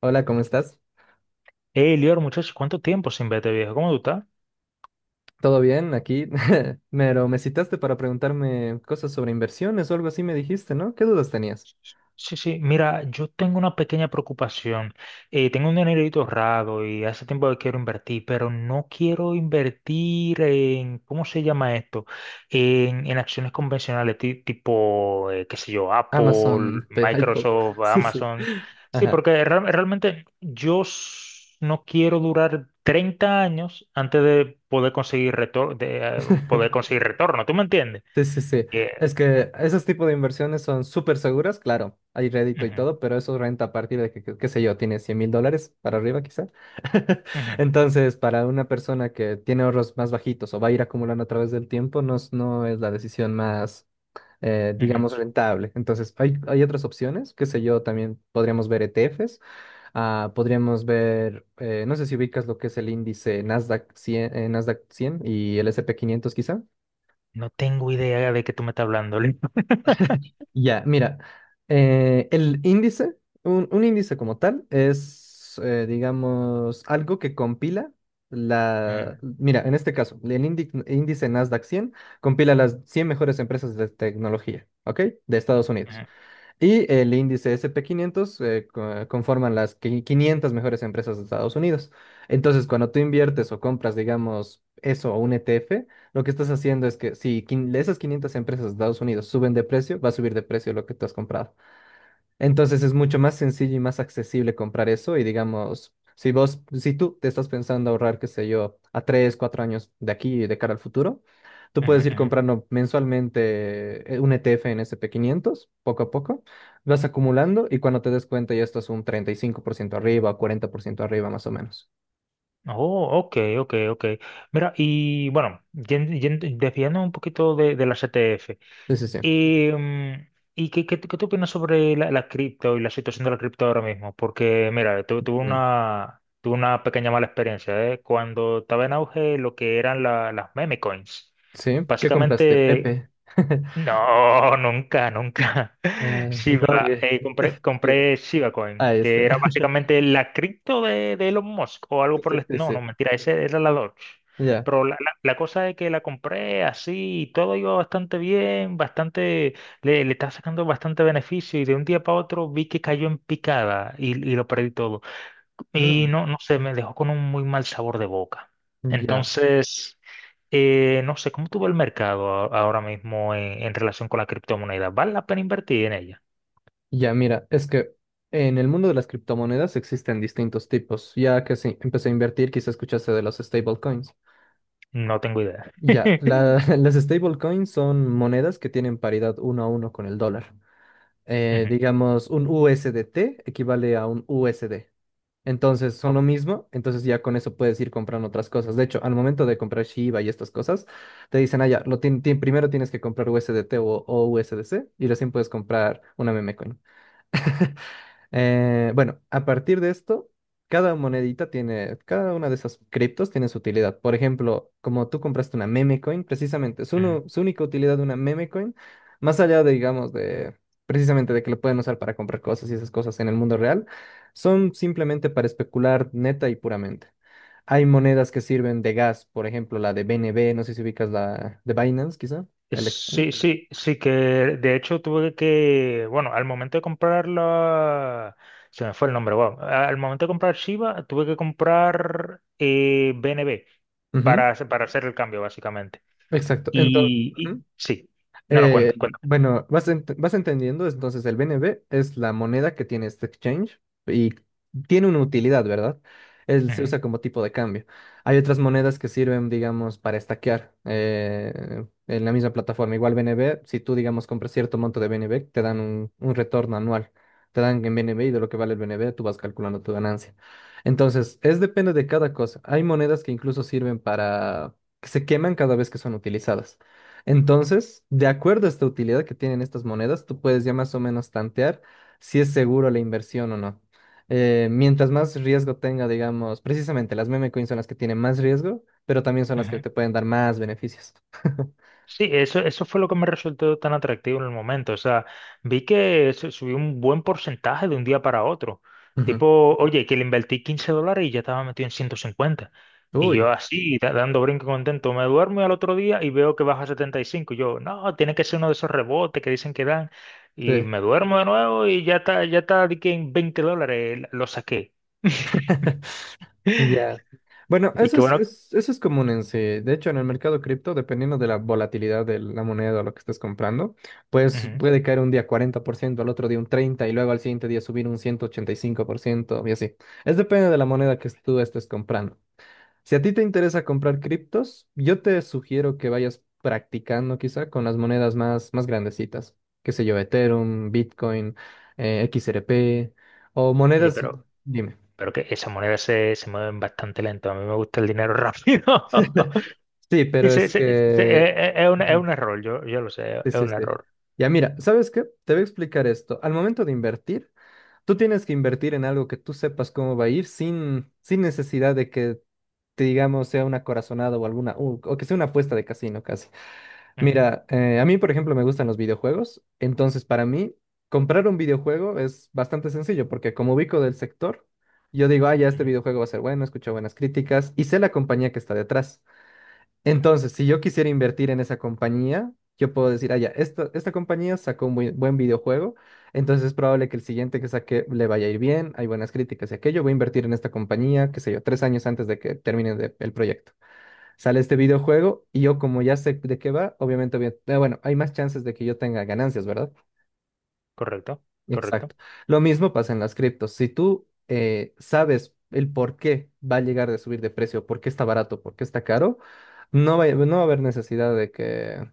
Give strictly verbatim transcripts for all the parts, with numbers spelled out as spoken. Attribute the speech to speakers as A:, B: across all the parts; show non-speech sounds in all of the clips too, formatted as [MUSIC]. A: Hola, ¿cómo estás?
B: Hey, Lior, muchachos, ¿cuánto tiempo sin verte, viejo? ¿Cómo tú estás?
A: ¿Todo bien aquí? [LAUGHS] Pero me citaste para preguntarme cosas sobre inversiones o algo así me dijiste, ¿no? ¿Qué dudas tenías?
B: Sí, sí, mira, yo tengo una pequeña preocupación. Eh, tengo un dinerito ahorrado y hace tiempo que quiero invertir, pero no quiero invertir en, ¿cómo se llama esto? En, en acciones convencionales, ti- tipo, eh, qué sé yo, Apple,
A: Amazon, P- iPod.
B: Microsoft,
A: [LAUGHS] Sí, sí.
B: Amazon. Sí,
A: Ajá.
B: porque real- realmente yo s- no quiero durar treinta años antes de poder conseguir retor- de, eh, poder
A: [LAUGHS]
B: conseguir retorno, ¿tú me entiendes?
A: Sí, sí, sí. Es que esos tipos de inversiones son súper seguras, claro, hay rédito y
B: Ujú,
A: todo, pero eso renta a partir de que, que- qué sé yo, tiene cien mil dólares para arriba quizá. [LAUGHS]
B: ujú,
A: Entonces, para una persona que tiene ahorros más bajitos o va a ir acumulando a través del tiempo, no, es- no es la decisión más eh,
B: ujú.
A: digamos, rentable. Entonces, hay, hay otras opciones, qué sé yo, también podríamos ver E T Fs, ah, podríamos ver, eh, no sé si ubicas lo que es el índice Nasdaq cien, eh, Nasdaq cien y el S and P quinientos quizá.
B: No tengo idea de qué tú me estás hablando, Lin. [LAUGHS]
A: Ya, mira, eh, el índice, un, un índice como tal es, eh, digamos, algo que compila la,
B: Ujú,
A: mira, en este caso, el indi- índice Nasdaq cien compila las cien mejores empresas de tecnología, ¿ok? De Estados Unidos.
B: ujú,
A: Y el índice S and P quinientos eh, co- eh, conforman las qui- quinientas mejores empresas de Estados Unidos. Entonces, cuando tú inviertes o compras, digamos, eso o un E T F, lo que estás haciendo es que si quin- esas quinientas empresas de Estados Unidos suben de precio, va a subir de precio lo que tú has comprado. Entonces es mucho más sencillo y más accesible comprar eso y digamos, si vos, si tú te estás pensando ahorrar, qué sé yo, a tres, cuatro años de aquí y de cara al futuro, tú
B: ujú,
A: puedes ir
B: ujú.
A: comprando mensualmente eh, un E T F en S and P quinientos poco a poco, vas acumulando y cuando te des cuenta ya estás un treinta y cinco por ciento arriba, o cuarenta por ciento arriba más o menos.
B: Oh, ok, ok, ok. Mira, y bueno, yen- yen- desviándonos un poquito de, de la C T F.
A: Sí, sí, sí.
B: ¿Y, mm, y qué, qué, qué tú opinas sobre la, la cripto y la situación de la cripto ahora mismo? Porque, mira, tu- tuve
A: Mm.
B: una, tuve una pequeña mala experiencia, ¿eh? Cuando estaba en auge lo que eran la- las meme coins.
A: ¿Sí? ¿Qué compraste,
B: Básicamente,
A: Pepe? [LAUGHS]
B: no, nunca, nunca. [LAUGHS]
A: Ah,
B: Shiba,
A: Doge.
B: eh, compré,
A: [LAUGHS] Chido.
B: compré Shiba Coin,
A: Ahí
B: que
A: está.
B: era
A: [LAUGHS]
B: básicamente la cripto de, de Elon Musk o algo
A: Sí,
B: por el... est-
A: sí,
B: No, no,
A: sí.
B: mentira, ese era la Doge.
A: Ya.
B: Pero la, la- la cosa es que la compré así y todo iba bastante bien, bastante, le, le estaba sacando bastante beneficio y de un día para otro vi que cayó en picada y, y lo perdí todo. Y
A: Mm.
B: no, no sé, me dejó con un muy mal sabor de boca.
A: Ya.
B: Entonces, eh, no sé, ¿cómo tú ves el mercado a- ahora mismo en, en relación con la criptomoneda? ¿Vale la pena invertir en ella?
A: Ya, mira, es que en el mundo de las criptomonedas existen distintos tipos. Ya que sí, empecé a invertir, quizá escuchaste de los stablecoins.
B: No tengo idea.
A: Ya,
B: [LAUGHS]
A: la- [LAUGHS] las stablecoins son monedas que tienen paridad uno a uno con el dólar. Eh,
B: Ujú,
A: digamos, un U S D T equivale a un U S D. Entonces son
B: ok,
A: lo mismo, entonces ya con eso puedes ir comprando otras cosas. De hecho, al momento de comprar Shiba y estas cosas, te dicen, ah, ya, lo tien- tien- primero tienes que comprar U S D T o, o U S D C y recién puedes comprar una meme coin. [LAUGHS] Eh, bueno, a partir de esto, cada monedita tiene, cada una de esas criptos tiene su utilidad. Por ejemplo, como tú compraste una meme coin, precisamente, su,
B: ujú.
A: nu- su única utilidad de una meme coin, más allá de, digamos, de precisamente de que lo pueden usar para comprar cosas y esas cosas en el mundo real, son simplemente para especular neta y puramente. Hay monedas que sirven de gas, por ejemplo, la de B N B, no sé si ubicas la de Binance, quizá,
B: Eh,
A: el ex.
B: Sí, sí, sí, que de hecho tuve que, bueno, al momento de comprarla, se me fue el nombre, wow. Al momento de comprar Shiba, tuve que comprar eh, B N B
A: ujú,
B: para, hacer- para hacer el cambio, básicamente.
A: exacto. Entonces,
B: Y, y- sí, no, no, cuenta,
A: Eh, bueno, vas, ent- vas entendiendo, entonces el B N B es la moneda que tiene este exchange y tiene una utilidad, ¿verdad? Él se
B: ujú,
A: usa como tipo de cambio. Hay otras monedas que sirven, digamos, para estaquear eh, en la misma plataforma. Igual B N B, si tú, digamos, compras cierto monto de B N B, te dan un, un retorno anual. Te dan en B N B y de lo que vale el B N B, tú vas calculando tu ganancia. Entonces, es depende de cada cosa. Hay monedas que incluso sirven para que se queman cada vez que son utilizadas. Entonces, de acuerdo a esta utilidad que tienen estas monedas, tú puedes ya más o menos tantear si es seguro la inversión o no. Eh, mientras más riesgo tenga, digamos, precisamente las meme coins son las que tienen más riesgo, pero también son las que
B: ujú.
A: te pueden dar más beneficios. [LAUGHS]
B: Sí, eso, eso fue lo que me resultó tan atractivo en el momento. O sea, vi que se subió un buen porcentaje de un día para otro.
A: Ujú.
B: Tipo, oye, que le invertí quince dólares y ya estaba metido en ciento cincuenta. Y yo
A: Uy,
B: así, da- dando brinco contento, me duermo y al otro día y veo que baja a setenta y cinco. Yo, no, tiene que ser uno de esos rebotes que dicen que dan. Y
A: sí.
B: me duermo de nuevo y ya está, ya está, di que en veinte dólares lo saqué.
A: [LAUGHS]
B: [LAUGHS]
A: Ya. Bueno,
B: Y
A: eso
B: qué
A: es,
B: bueno.
A: es- eso es común en sí. De hecho, en el mercado cripto, dependiendo de la volatilidad de la moneda o lo que estés comprando, pues
B: Ujú.
A: puede caer un día cuarenta por ciento al otro día un treinta por ciento y luego al siguiente día subir un ciento ochenta y cinco por ciento y así. Es depende de la moneda que tú estés comprando. Si a ti te interesa comprar criptos, yo te sugiero que vayas practicando quizá con las monedas más, más grandecitas. Qué sé yo, Ethereum, Bitcoin, eh, X R P o
B: Oye,
A: monedas...
B: pero
A: Dime.
B: Pero que esas monedas se, se mueven bastante lento. A mí me gusta el dinero rápido. [LAUGHS]
A: [LAUGHS] Sí,
B: Y
A: pero
B: se-
A: es
B: se- se- eh,
A: que...
B: eh, es un, es
A: Ujú,
B: un error, yo, yo lo sé,
A: sí,
B: es
A: sí,
B: un
A: sí.
B: error.
A: Ya mira, ¿sabes qué? Te voy a explicar esto. Al momento de invertir, tú tienes que invertir en algo que tú sepas cómo va a ir sin, sin necesidad de que, te digamos, sea una corazonada o alguna, u- o que sea una apuesta de casino casi.
B: Ujú,
A: Mira, eh, a mí, por ejemplo, me gustan los videojuegos, entonces para mí, comprar un videojuego es bastante sencillo porque como ubico del sector, yo digo, ah, ya este
B: ujú.
A: videojuego va a ser bueno, escucho buenas críticas y sé la compañía que está detrás. Entonces, si yo quisiera invertir en esa compañía, yo puedo decir, ah, ya, esta, esta compañía sacó un buen, buen videojuego, entonces es probable que el siguiente que saque le vaya a ir bien, hay buenas críticas y aquello, voy a invertir en esta compañía, qué sé yo, tres años antes de que termine de- el proyecto. Sale este videojuego y yo como ya sé de qué va, obviamente, voy a- eh, bueno, hay más chances de que yo tenga ganancias, ¿verdad?
B: Correcto, correcto.
A: Exacto. Lo mismo pasa en las criptos. Si tú eh, sabes el por qué va a llegar de subir de precio, por qué está barato, por qué está caro, no va, no va a haber necesidad de que,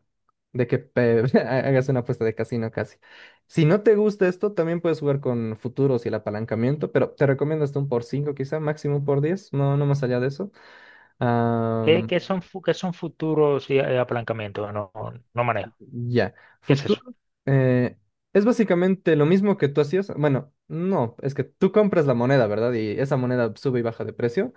A: de que pe- [LAUGHS] ha- hagas una apuesta de casino casi. Si no te gusta esto, también puedes jugar con futuros y el apalancamiento, pero te recomiendo hasta un por cinco, quizá, máximo un por diez, no, no más allá de eso.
B: ¿Qué, qué son, fu- qué son futuros y eh, apalancamientos? No, no manejo.
A: Ya.
B: ¿Qué es eso?
A: Futuro eh, es básicamente lo mismo que tú hacías. Bueno, no, es que tú compras la moneda, ¿verdad? Y esa moneda sube y baja de precio.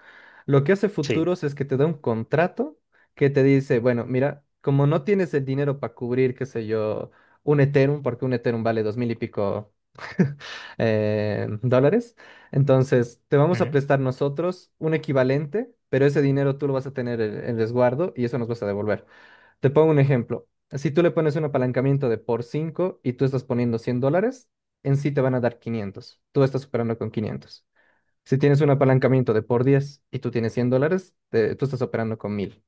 A: Lo que hace
B: Sí.
A: Futuros es que te da un contrato que te dice, bueno, mira, como no tienes el dinero para cubrir, qué sé yo, un Ethereum, porque un Ethereum vale dos mil y pico [LAUGHS] eh, dólares, entonces te vamos a
B: Ujú.
A: prestar nosotros un equivalente, pero ese dinero tú lo vas a tener en el resguardo y eso nos vas a devolver. Te pongo un ejemplo. Si tú le pones un apalancamiento de por cinco y tú estás poniendo cien dólares, en sí te van a dar quinientos. Tú estás operando con quinientos. Si tienes un apalancamiento de por diez y tú tienes cien dólares, te- tú estás operando con mil.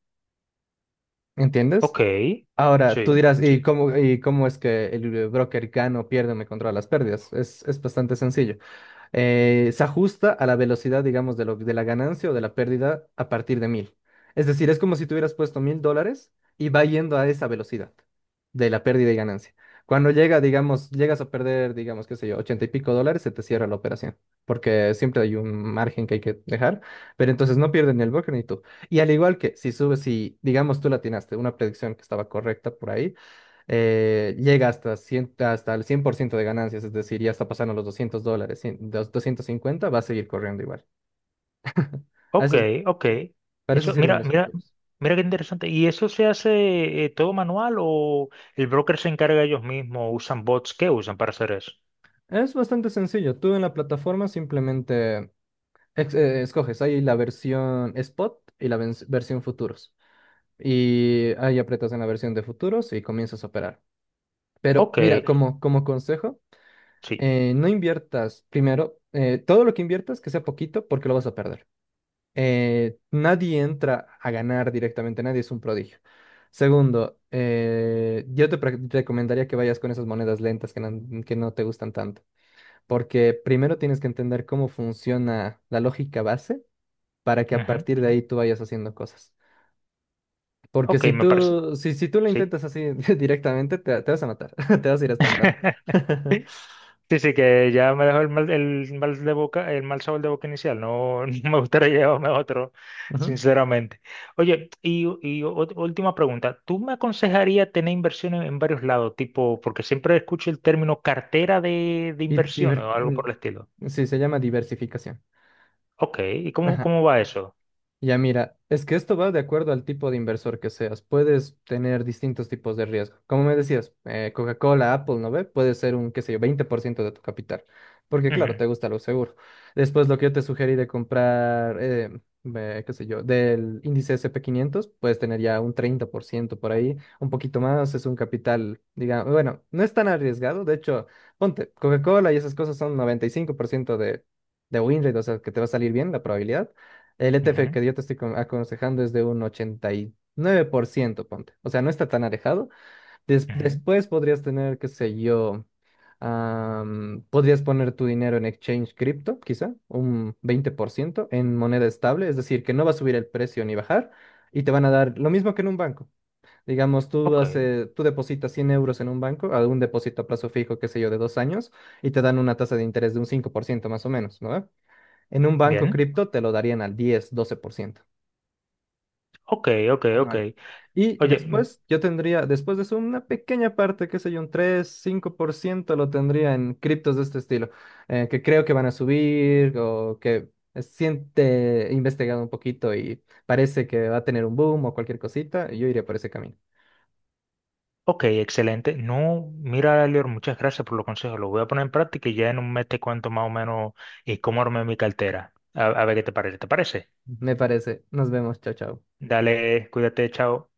A: ¿Entiendes?
B: Ok,
A: Ahora, tú
B: sí,
A: dirás, ¿y
B: sí.
A: cómo, y cómo es que el broker gana o pierde o me controla las pérdidas? Es, es bastante sencillo eh, se ajusta a la velocidad, digamos, de, lo, de la ganancia o de la pérdida a partir de mil. Es decir, es como si tuvieras puesto mil dólares y va yendo a esa velocidad de la pérdida y ganancia. Cuando llega, digamos, llegas a perder, digamos, qué sé yo, ochenta y pico dólares, se te cierra la operación, porque siempre hay un margen que hay que dejar, pero entonces no pierdes ni el broker ni tú. Y al igual que si subes, si, digamos, tú la atinaste, una predicción que estaba correcta por ahí, eh, llega hasta, cien hasta el cien por ciento de ganancias, es decir, ya está pasando los doscientos dólares, cien dos- doscientos cincuenta va a seguir corriendo igual. [LAUGHS] A
B: Ok,
A: eso-
B: ok.
A: para eso
B: Eso,
A: sirven
B: mira,
A: los
B: mira,
A: futuros.
B: mira qué interesante. ¿Y eso se hace eh, todo manual o el broker se encarga ellos mismos? ¿Usan bots? ¿Qué usan para hacer eso?
A: Es bastante sencillo. Tú en la plataforma simplemente ex- eh, escoges ahí la versión spot y la vens- versión futuros. Y ahí aprietas en la versión de futuros y comienzas a operar. Pero
B: Ok.
A: mira, como, como consejo,
B: Sí,
A: eh, no inviertas primero, eh, todo lo que inviertas que sea poquito porque lo vas a perder. Eh, nadie entra a ganar directamente, nadie es un prodigio. Segundo, eh, yo te pre- recomendaría que vayas con esas monedas lentas que no, que no te gustan tanto, porque primero tienes que entender cómo funciona la lógica base para que a
B: ujú,
A: partir de
B: ujú.
A: ahí tú vayas haciendo cosas. Porque
B: Ok,
A: si
B: me parece.
A: tú, si, si tú lo
B: Sí.
A: intentas así [LAUGHS] directamente, te, te vas a matar, [LAUGHS] te vas a ir a estampar.
B: [LAUGHS]
A: [LAUGHS]
B: Sí, sí, que ya me dejó el mal, el mal de boca, el mal sabor de boca inicial. No, [LAUGHS] no me gustaría llevarme otro,
A: Ujú.
B: sinceramente. Oye, y, y ú- última pregunta. ¿Tú me aconsejarías tener inversiones en varios lados? Tipo, porque siempre escucho el término cartera de, de
A: Y
B: inversiones
A: diver-
B: o algo por el estilo.
A: mm, sí, se llama diversificación.
B: Ok, ¿y cómo,
A: Ajá.
B: cómo va eso?
A: Ya mira, es que esto va de acuerdo al tipo de inversor que seas. Puedes tener distintos tipos de riesgo. Como me decías, eh, Coca-Cola, Apple, ¿no ve? Puede ser un, qué sé yo, veinte por ciento de tu capital. Porque claro,
B: Ujú,
A: te gusta lo seguro. Después lo que yo te sugerí de comprar, eh, eh, qué sé yo, del índice S and P quinientos puedes tener ya un treinta por ciento por ahí. Un poquito más es un capital, digamos, bueno, no es tan arriesgado. De hecho, ponte, Coca-Cola y esas cosas son noventa y cinco por ciento de, de win rate, o sea, que te va a salir bien la probabilidad. El E T F
B: ujú,
A: que yo te estoy con- aconsejando es de un ochenta y nueve por ciento, ponte. O sea, no está tan alejado. Des-
B: ujú.
A: después podrías tener, qué sé yo, am, podrías poner tu dinero en exchange cripto, quizá, un veinte por ciento en moneda estable, es decir, que no va a subir el precio ni bajar y te van a dar lo mismo que en un banco. Digamos, tú,
B: Ok,
A: hace, tú depositas cien euros en un banco, a un depósito a plazo fijo, qué sé yo, de dos años, y te dan una tasa de interés de un cinco por ciento más o menos, ¿no? En un banco
B: bien.
A: cripto te lo darían al diez, doce por ciento
B: Ok, ok, ok.
A: anual. Y
B: Oye,
A: después yo tendría, después de eso, una pequeña parte, qué sé yo, un tres, cinco por ciento lo tendría en criptos de este estilo, eh, que creo que van a subir o que siente he investigado un poquito y parece que va a tener un boom o cualquier cosita, y yo iría por ese camino.
B: ok, excelente. No, mira, Lior, muchas gracias por los consejos. Los voy a poner en práctica y ya en un mes te cuento más o menos y cómo armé mi cartera. A, a ver qué te parece. ¿Te parece?
A: Me parece. Nos vemos. Chao, chao.
B: Dale, cuídate, chao.